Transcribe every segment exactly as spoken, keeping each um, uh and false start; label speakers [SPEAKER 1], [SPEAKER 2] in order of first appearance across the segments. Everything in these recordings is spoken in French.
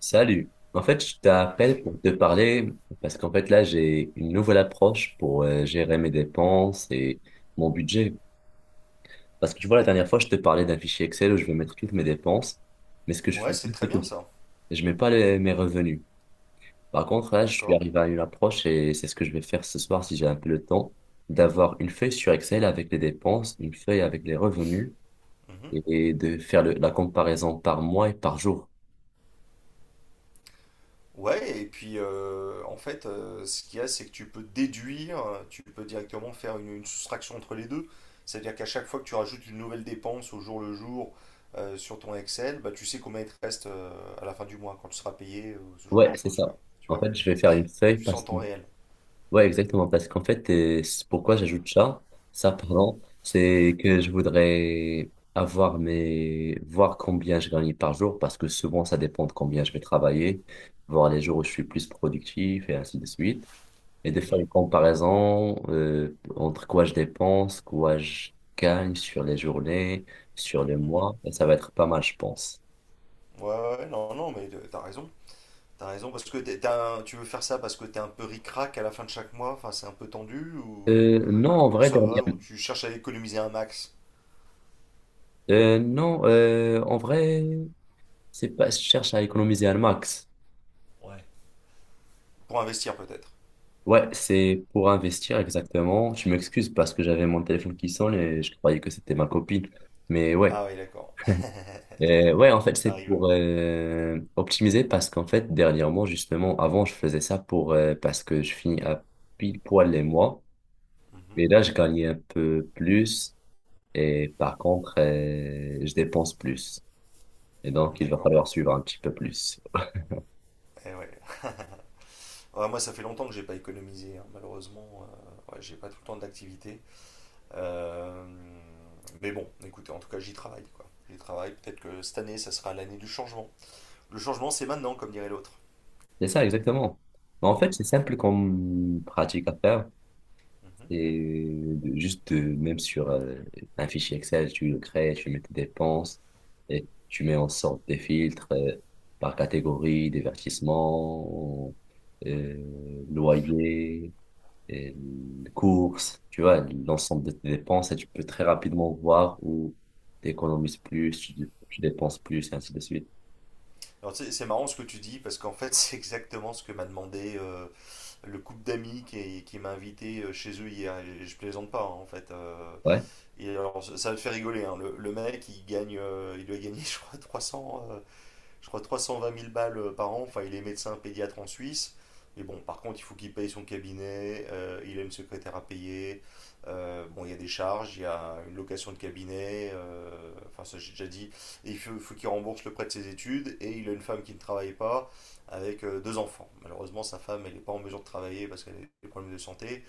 [SPEAKER 1] Salut. En fait, je t'appelle pour te parler parce qu'en fait là, j'ai une nouvelle approche pour euh, gérer mes dépenses et mon budget. Parce que tu vois, la dernière fois, je te parlais d'un fichier Excel où je vais mettre toutes mes dépenses, mais ce que je fais,
[SPEAKER 2] Ouais, c'est très bien ça.
[SPEAKER 1] je mets pas les- mes revenus. Par contre, là, je suis
[SPEAKER 2] D'accord.
[SPEAKER 1] arrivé à une approche et c'est ce que je vais faire ce soir si j'ai un peu le temps, d'avoir une feuille sur Excel avec les dépenses, une feuille avec les revenus
[SPEAKER 2] Mhm.
[SPEAKER 1] et de faire le- la comparaison par mois et par jour.
[SPEAKER 2] Ouais, et puis euh, en fait, euh, ce qu'il y a, c'est que tu peux déduire, euh, tu peux directement faire une, une soustraction entre les deux. C'est-à-dire qu'à chaque fois que tu rajoutes une nouvelle dépense au jour le jour euh, sur ton Excel, bah, tu sais combien il te reste euh, à la fin du mois quand tu seras payé, euh, ce genre
[SPEAKER 1] Ouais,
[SPEAKER 2] de
[SPEAKER 1] c'est
[SPEAKER 2] choses,
[SPEAKER 1] ça.
[SPEAKER 2] quoi. Tu
[SPEAKER 1] En
[SPEAKER 2] vois?
[SPEAKER 1] fait, je vais faire une
[SPEAKER 2] Donc
[SPEAKER 1] feuille.
[SPEAKER 2] tu sais en temps réel.
[SPEAKER 1] Ouais, exactement, parce qu'en fait, euh, c'est pourquoi j'ajoute ça, ça, pardon, c'est que je voudrais avoir mes, voir combien je gagne par jour, parce que souvent, ça dépend de combien je vais travailler, voir les jours où je suis plus productif et ainsi de suite, et de faire
[SPEAKER 2] Mhm,
[SPEAKER 1] une comparaison, euh, entre quoi je dépense, quoi je gagne sur les journées, sur les
[SPEAKER 2] mhm.
[SPEAKER 1] mois, et ça va être pas mal, je pense.
[SPEAKER 2] Ouais, ouais, ouais, non, non, mais euh, t'as raison. T'as raison, parce que t'es- t'as un- tu veux faire ça parce que t'es un peu ric-rac à la fin de chaque mois, enfin c'est un peu tendu ou.
[SPEAKER 1] Euh, non, en
[SPEAKER 2] Où
[SPEAKER 1] vrai,
[SPEAKER 2] ça
[SPEAKER 1] dernière,
[SPEAKER 2] va, où tu cherches à économiser un max
[SPEAKER 1] euh, non, euh, en vrai, c'est pas, je cherche à économiser un max.
[SPEAKER 2] pour investir peut-être.
[SPEAKER 1] Ouais, c'est pour investir exactement. Je m'excuse parce que j'avais mon téléphone qui sonne et je croyais que c'était ma copine. Mais ouais,
[SPEAKER 2] Ah oui, d'accord,
[SPEAKER 1] Euh, ouais, en fait, c'est
[SPEAKER 2] ça arrive.
[SPEAKER 1] pour euh, optimiser parce qu'en fait, dernièrement, justement, avant, je faisais ça pour euh, parce que je finis à pile poil les mois.
[SPEAKER 2] Mhm.
[SPEAKER 1] Et là, je gagnais un peu plus et par contre, euh, je dépense plus. Et donc, il va
[SPEAKER 2] D'accord.
[SPEAKER 1] falloir suivre un petit peu plus.
[SPEAKER 2] Eh ouais. Ouais, moi, ça fait longtemps que j'ai pas économisé, hein. Malheureusement, euh, ouais, j'ai pas tout le temps d'activité. Euh, mais bon, écoutez, en tout cas, j'y travaille, quoi. J'y travaille. Peut-être que cette année, ça sera l'année du changement. Le changement, c'est maintenant, comme dirait l'autre.
[SPEAKER 1] C'est ça, exactement. Mais en fait,
[SPEAKER 2] Mm,
[SPEAKER 1] c'est simple comme pratique à faire.
[SPEAKER 2] mhm.
[SPEAKER 1] Et de- juste de- même sur euh, un fichier Excel, tu le crées, tu mets tes dépenses et tu mets en sorte des filtres euh, par catégorie, divertissement, euh, loyer, et courses, tu vois, l'ensemble de tes dépenses et tu peux très rapidement voir où tu économises plus, tu, tu dépenses plus, et ainsi de suite.
[SPEAKER 2] Alors, tu sais, c'est marrant ce que tu dis, parce qu'en fait, c'est exactement ce que m'a demandé euh, le couple d'amis qui, qui m'a invité euh, chez eux hier. Et je plaisante pas, hein, en fait. Euh,
[SPEAKER 1] Ouais,
[SPEAKER 2] Et alors, ça va te faire rigoler, hein. Le, le mec, il gagne, euh, il doit gagner, je crois, trois cents, euh, je crois, trois cent vingt mille balles euh, par an. Enfin, il est médecin pédiatre en Suisse. Mais bon, par contre, il faut qu'il paye son cabinet, euh, il a une secrétaire à payer. Euh, bon, il y a des charges, il y a une location de cabinet, euh, enfin, ça j'ai déjà dit. Et il faut, faut qu'il rembourse le prêt de ses études. Et il a une femme qui ne travaille pas avec euh, deux enfants. Malheureusement, sa femme, elle n'est pas en mesure de travailler parce qu'elle a des problèmes de santé.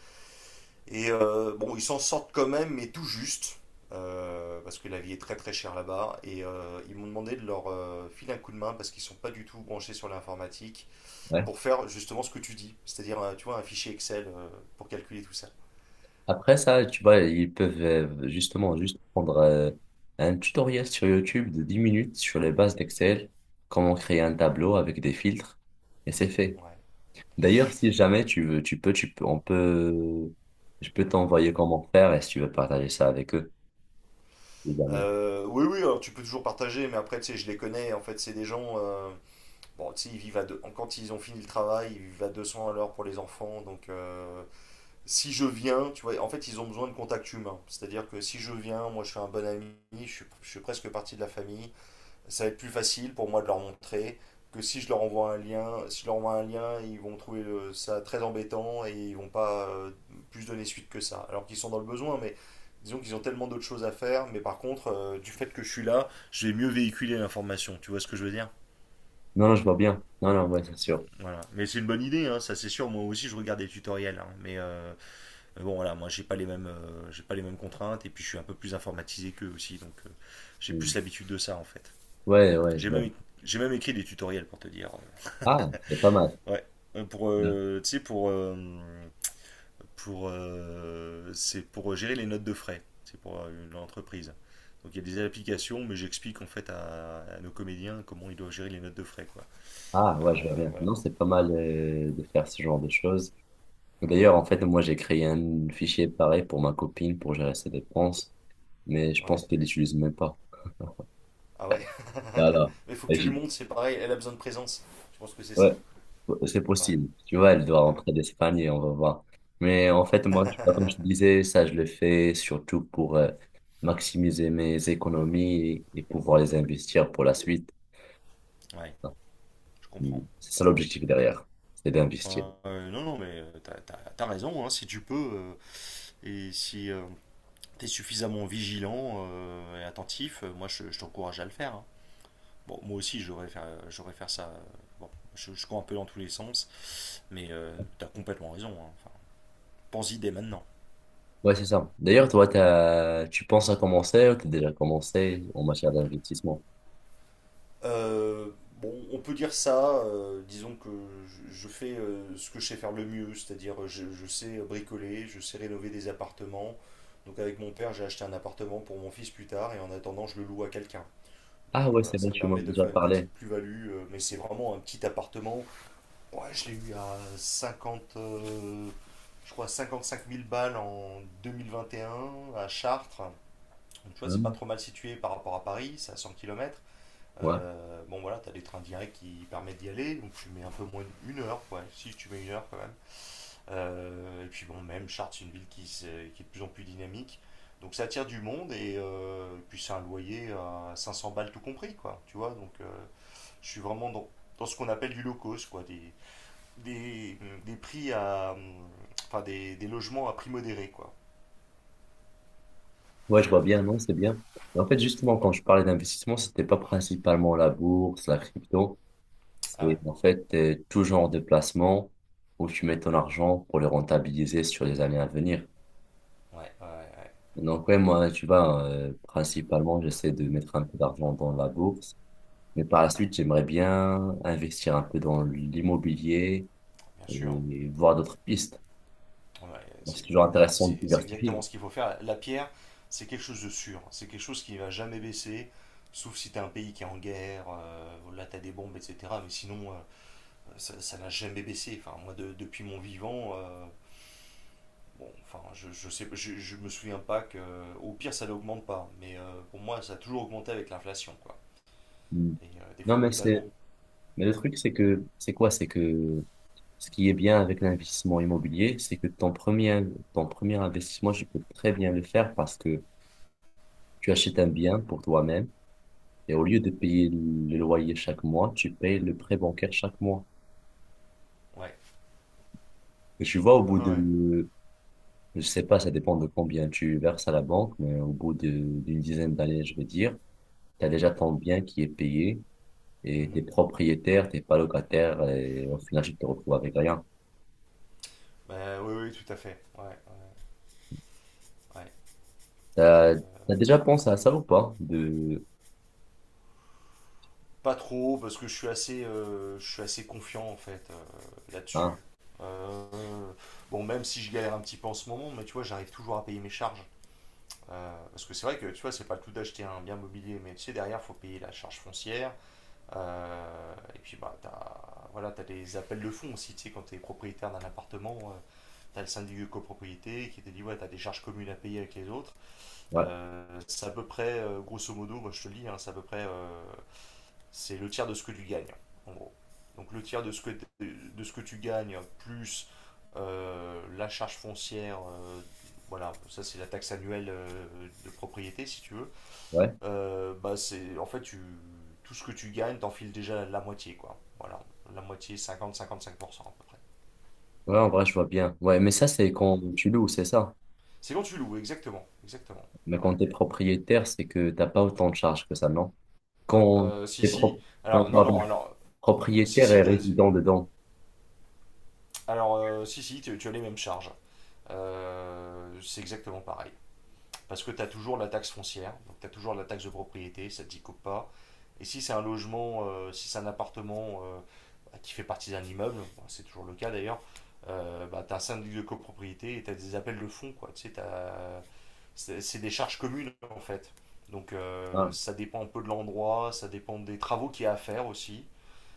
[SPEAKER 2] Et euh, bon, ils s'en sortent quand même, mais tout juste, euh, parce que la vie est très très chère là-bas. Et euh, ils m'ont demandé de leur euh, filer un coup de main, parce qu'ils sont pas du tout branchés sur l'informatique,
[SPEAKER 1] ouais.
[SPEAKER 2] pour faire justement ce que tu dis, c'est-à-dire, euh, tu vois, un fichier Excel euh, pour calculer tout ça.
[SPEAKER 1] Après ça, tu vois, ils peuvent euh, justement juste prendre euh, un tutoriel sur YouTube de dix minutes sur les bases d'Excel, comment créer un tableau avec des filtres, et c'est fait.
[SPEAKER 2] Ouais.
[SPEAKER 1] D'ailleurs, si jamais tu veux, tu peux, tu peux, on peut, je peux t'envoyer comment faire et si tu veux partager ça avec eux. Évidemment.
[SPEAKER 2] Euh, oui, oui, alors tu peux toujours partager, mais après, tu sais, je les connais. En fait, c'est des gens, euh, bon, tu sais, ils vivent à deux, quand ils ont fini le travail, ils vivent à deux cents à l'heure pour les enfants, donc euh, si je viens, tu vois, en fait, ils ont besoin de contact humain. C'est-à-dire que si je viens, moi, je suis un bon ami, je suis, je suis presque partie de la famille. Ça va être plus facile pour moi de leur montrer que si je leur envoie un lien, si je leur envoie un lien, ils vont trouver le- ça très embêtant et ils vont pas euh, plus donner suite que ça. Alors qu'ils sont dans le besoin, mais disons qu'ils ont tellement d'autres choses à faire. Mais par contre, euh, du fait que je suis là, je vais mieux véhiculer l'information. Tu vois ce que je veux dire?
[SPEAKER 1] Non, non, je vois bien. Non, non, ouais, c'est sûr.
[SPEAKER 2] Voilà. Mais c'est une bonne idée, hein, ça c'est sûr. Moi aussi, je regarde des tutoriels, hein, mais euh, mais bon, voilà, moi, j'ai pas les mêmes, euh, j'ai pas les mêmes contraintes et puis je suis un peu plus informatisé qu'eux aussi, donc euh, j'ai plus
[SPEAKER 1] Mm.
[SPEAKER 2] l'habitude de ça en fait.
[SPEAKER 1] Ouais, ouais, je
[SPEAKER 2] J'ai
[SPEAKER 1] vois.
[SPEAKER 2] même, j'ai même écrit des tutoriels pour te dire.
[SPEAKER 1] Ah, c'est pas mal.
[SPEAKER 2] Euh, ouais. Euh, Pour, euh, tu sais, pour, euh, pour, euh, c'est pour gérer les notes de frais. C'est pour euh, une entreprise. Donc il y a des applications, mais j'explique en fait à, à nos comédiens comment ils doivent gérer les notes de frais, quoi.
[SPEAKER 1] Ah, ouais, je vois
[SPEAKER 2] Euh,
[SPEAKER 1] bien.
[SPEAKER 2] voilà.
[SPEAKER 1] Non, c'est pas mal euh, de faire ce genre de choses. D'ailleurs, en fait, moi, j'ai créé un fichier pareil pour ma copine pour gérer ses dépenses, mais je
[SPEAKER 2] Ouais.
[SPEAKER 1] pense qu'elle l'utilise même pas.
[SPEAKER 2] Ah ouais.
[SPEAKER 1] Là, là.
[SPEAKER 2] Mais faut que
[SPEAKER 1] Et
[SPEAKER 2] tu lui
[SPEAKER 1] je-
[SPEAKER 2] montres, c'est pareil. Elle a besoin de présence. Je pense que c'est
[SPEAKER 1] ouais,
[SPEAKER 2] ça.
[SPEAKER 1] ouais, c'est
[SPEAKER 2] Ouais.
[SPEAKER 1] possible. Tu vois, elle doit
[SPEAKER 2] Ouais.
[SPEAKER 1] rentrer d'Espagne et on va voir. Mais en fait, moi, tu vois, comme je te disais, ça, je le fais surtout pour euh, maximiser mes économies et pouvoir les investir pour la suite.
[SPEAKER 2] Ouais. Je
[SPEAKER 1] Mm.
[SPEAKER 2] comprends.
[SPEAKER 1] C'est ça l'objectif derrière, c'est d'investir.
[SPEAKER 2] Euh, non, non, mais euh, t'as, t'as- t'as raison, hein, si tu peux, euh, et si euh, t'es suffisamment vigilant euh, et attentif, euh, moi je, je t'encourage à le faire, hein. Bon, moi aussi, j'aurais faire, j'aurais faire ça. Euh, bon, je, je cours un peu dans tous les sens, mais euh, t'as complètement raison, hein. Enfin, pense-y dès maintenant.
[SPEAKER 1] Ouais, c'est ça. D'ailleurs, toi, t'as... tu penses à commencer ou t'as déjà commencé en matière d'investissement?
[SPEAKER 2] Euh, bon, on peut dire ça, euh, disons que je, je fais euh, ce que je sais faire le mieux, c'est-à-dire je, je sais bricoler, je sais rénover des appartements. Donc avec mon père, j'ai acheté un appartement pour mon fils plus tard, et en attendant, je le loue à quelqu'un. Donc
[SPEAKER 1] Ah
[SPEAKER 2] euh,
[SPEAKER 1] ouais,
[SPEAKER 2] voilà,
[SPEAKER 1] c'est bon,
[SPEAKER 2] ça
[SPEAKER 1] tu m'en as
[SPEAKER 2] permet de
[SPEAKER 1] déjà
[SPEAKER 2] faire une
[SPEAKER 1] parlé.
[SPEAKER 2] petite plus-value, euh, mais c'est vraiment un petit appartement. Ouais, je l'ai eu à cinquante euh, je crois cinquante-cinq mille balles en deux mille vingt et un à Chartres. Donc tu vois, c'est pas
[SPEAKER 1] Hum.
[SPEAKER 2] trop mal situé par rapport à Paris, c'est à cent kilomètres.
[SPEAKER 1] Ouais.
[SPEAKER 2] Bon voilà, t'as des trains directs qui permettent d'y aller, donc tu mets un peu moins d'une heure, ouais, si tu mets une heure quand même. Euh, et puis bon, même Chartres, c'est une ville qui, qui est de plus en plus dynamique. Donc ça attire du monde et euh, puis c'est un loyer à cinq cents balles tout compris, quoi. Tu vois, donc euh, je suis vraiment dans, dans ce qu'on appelle du low cost, quoi, des, des, des prix à. Enfin, des, des logements à prix modéré, quoi.
[SPEAKER 1] Ouais, je vois bien, non, c'est bien. Et en fait, justement, quand je parlais d'investissement, c'était pas principalement la bourse, la crypto.
[SPEAKER 2] Ah
[SPEAKER 1] C'est
[SPEAKER 2] ouais,
[SPEAKER 1] en fait euh, tout genre de placement où tu mets ton argent pour le rentabiliser sur les années à venir.
[SPEAKER 2] ouais, ouais, ouais.
[SPEAKER 1] Donc ouais, moi, tu vois, euh, principalement, j'essaie de mettre un peu d'argent dans la bourse. Mais par la
[SPEAKER 2] Mhm,
[SPEAKER 1] suite, j'aimerais bien investir un peu dans l'immobilier
[SPEAKER 2] bien sûr.
[SPEAKER 1] et voir d'autres pistes.
[SPEAKER 2] Ouais,
[SPEAKER 1] Donc,
[SPEAKER 2] c'est
[SPEAKER 1] c'est toujours
[SPEAKER 2] non, non,
[SPEAKER 1] intéressant de
[SPEAKER 2] c'est- c'est exactement
[SPEAKER 1] diversifier.
[SPEAKER 2] ce qu'il faut faire. La pierre, c'est quelque chose de sûr. C'est quelque chose qui ne va jamais baisser, sauf si tu as un pays qui est en guerre, euh, là tu as des bombes, et cetera. Mais sinon, euh, ça ça n'a jamais baissé. Enfin, moi, de- depuis mon vivant, euh. Bon, enfin, je, je sais, je, je me souviens pas que. Au pire, ça n'augmente pas. Mais euh, pour moi, ça a toujours augmenté avec l'inflation, quoi.
[SPEAKER 1] Hum.
[SPEAKER 2] Et euh, des
[SPEAKER 1] Non,
[SPEAKER 2] fois
[SPEAKER 1] mais c'est...
[SPEAKER 2] brutalement.
[SPEAKER 1] Mais le truc, c'est que, c'est quoi? C'est que ce qui est bien avec l'investissement immobilier, c'est que ton premier, ton premier investissement, tu peux très bien le faire parce que tu achètes un bien pour toi-même et au lieu de payer le loyer chaque mois, tu payes le prêt bancaire chaque mois.
[SPEAKER 2] Ouais.
[SPEAKER 1] Et tu vois, au bout
[SPEAKER 2] Ouais.
[SPEAKER 1] de, je sais pas, ça dépend de combien tu verses à la banque, mais au bout de- d'une dizaine d'années, je veux dire, tu as déjà ton bien qui est payé et t'es
[SPEAKER 2] Mhm.
[SPEAKER 1] propriétaire, t'es pas locataire et au final, tu te retrouves avec rien.
[SPEAKER 2] Bah, oui, oui, tout à fait. Ouais, ouais, ouais.
[SPEAKER 1] T'as,
[SPEAKER 2] Et,
[SPEAKER 1] t'as
[SPEAKER 2] euh,
[SPEAKER 1] déjà pensé à ça ou pas? De...
[SPEAKER 2] pas trop, parce que je suis assez, euh, je suis assez confiant, en fait, euh,
[SPEAKER 1] Ah,
[SPEAKER 2] là-dessus. Euh, bon, même si je galère un petit peu en ce moment, mais tu vois, j'arrive toujours à payer mes charges. Euh, parce que c'est vrai que, tu vois, c'est pas le tout d'acheter un bien mobilier, mais tu sais, derrière, faut payer la charge foncière. Euh, et puis, bah, t'as, voilà, t'as des appels de fonds aussi, tu sais, quand t'es propriétaire d'un appartement, euh, t'as le syndic de copropriété qui te dit, ouais, t'as des charges communes à payer avec les autres.
[SPEAKER 1] ouais,
[SPEAKER 2] Euh, c'est à peu près, euh, grosso modo, moi je te le dis, hein, c'est à peu près, euh, c'est le tiers de ce que tu gagnes, en gros. Donc le tiers de ce que, de ce que tu gagnes, plus euh, la charge foncière, euh, voilà, ça c'est la taxe annuelle euh, de propriété, si tu veux.
[SPEAKER 1] ouais.
[SPEAKER 2] Euh, bah c'est en fait tu, tout ce que tu gagnes, t'enfiles déjà la moitié quoi. Voilà, la moitié cinquante cinquante cinq pour cent à peu près.
[SPEAKER 1] Ouais, en vrai, je vois bien. Ouais, mais ça, c'est quand
[SPEAKER 2] Voilà.
[SPEAKER 1] tu loues, c'est ça.
[SPEAKER 2] C'est quand tu loues, exactement, exactement.
[SPEAKER 1] Mais
[SPEAKER 2] Ouais.
[SPEAKER 1] quand t'es propriétaire, c'est que t'as pas autant de charges que ça, non? Quand
[SPEAKER 2] Euh, si
[SPEAKER 1] t'es
[SPEAKER 2] si.
[SPEAKER 1] pro... non,
[SPEAKER 2] Alors non
[SPEAKER 1] pardon,
[SPEAKER 2] non alors euh, si
[SPEAKER 1] propriétaire et
[SPEAKER 2] si t'as-
[SPEAKER 1] résident dedans.
[SPEAKER 2] alors euh, si si tu, tu as les mêmes charges. Euh, c'est exactement pareil. Parce que tu as toujours la taxe foncière, donc tu as toujours la taxe de propriété, ça ne t'y coupe pas. Et si c'est un logement, euh, si c'est un appartement euh, bah, qui fait partie d'un immeuble, bon, c'est toujours le cas d'ailleurs, euh, bah, tu as un syndic de copropriété et tu as des appels de fonds. Quoi. Tu sais, c'est c'est des charges communes en fait. Donc euh,
[SPEAKER 1] Ah,
[SPEAKER 2] ça dépend un peu de l'endroit, ça dépend des travaux qu'il y a à faire aussi.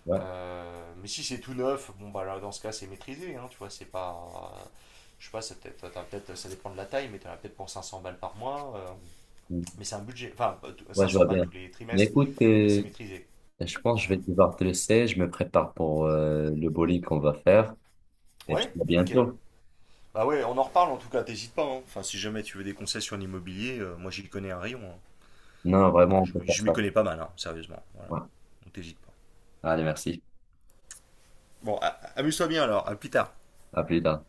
[SPEAKER 1] ouais.
[SPEAKER 2] Euh, mais si c'est tout neuf, bon bah là dans ce cas c'est maîtrisé, hein, tu vois, c'est pas. euh, je sais pas, c'est peut-être, t'as peut-être, ça dépend de la taille, mais t'en as peut-être pour cinq cents balles par mois. Euh,
[SPEAKER 1] Mm.
[SPEAKER 2] mais c'est un budget, enfin pas tout-
[SPEAKER 1] Ouais, je
[SPEAKER 2] cinq cents
[SPEAKER 1] vois
[SPEAKER 2] balles
[SPEAKER 1] bien.
[SPEAKER 2] tous les
[SPEAKER 1] Mais
[SPEAKER 2] trimestres,
[SPEAKER 1] écoute,
[SPEAKER 2] mais
[SPEAKER 1] euh,
[SPEAKER 2] c'est maîtrisé.
[SPEAKER 1] je pense que
[SPEAKER 2] Mhm.
[SPEAKER 1] je vais devoir te laisser. Je me prépare pour euh, le bowling qu'on va faire. Et je te
[SPEAKER 2] Ouais,
[SPEAKER 1] dis à
[SPEAKER 2] ok.
[SPEAKER 1] bientôt.
[SPEAKER 2] Bah ouais, on en reparle en tout cas, t'hésites pas, hein. Enfin, si jamais tu veux des conseils sur l'immobilier, euh, moi j'y connais un rayon, hein.
[SPEAKER 1] Non,
[SPEAKER 2] Ah,
[SPEAKER 1] vraiment, on
[SPEAKER 2] je
[SPEAKER 1] peut
[SPEAKER 2] m'y
[SPEAKER 1] faire
[SPEAKER 2] je m'y
[SPEAKER 1] ça.
[SPEAKER 2] connais pas mal, hein, sérieusement. Voilà,
[SPEAKER 1] Ouais.
[SPEAKER 2] donc t'hésites pas.
[SPEAKER 1] Allez, merci.
[SPEAKER 2] Bon, a- amuse-toi bien alors, à plus tard.
[SPEAKER 1] À plus tard.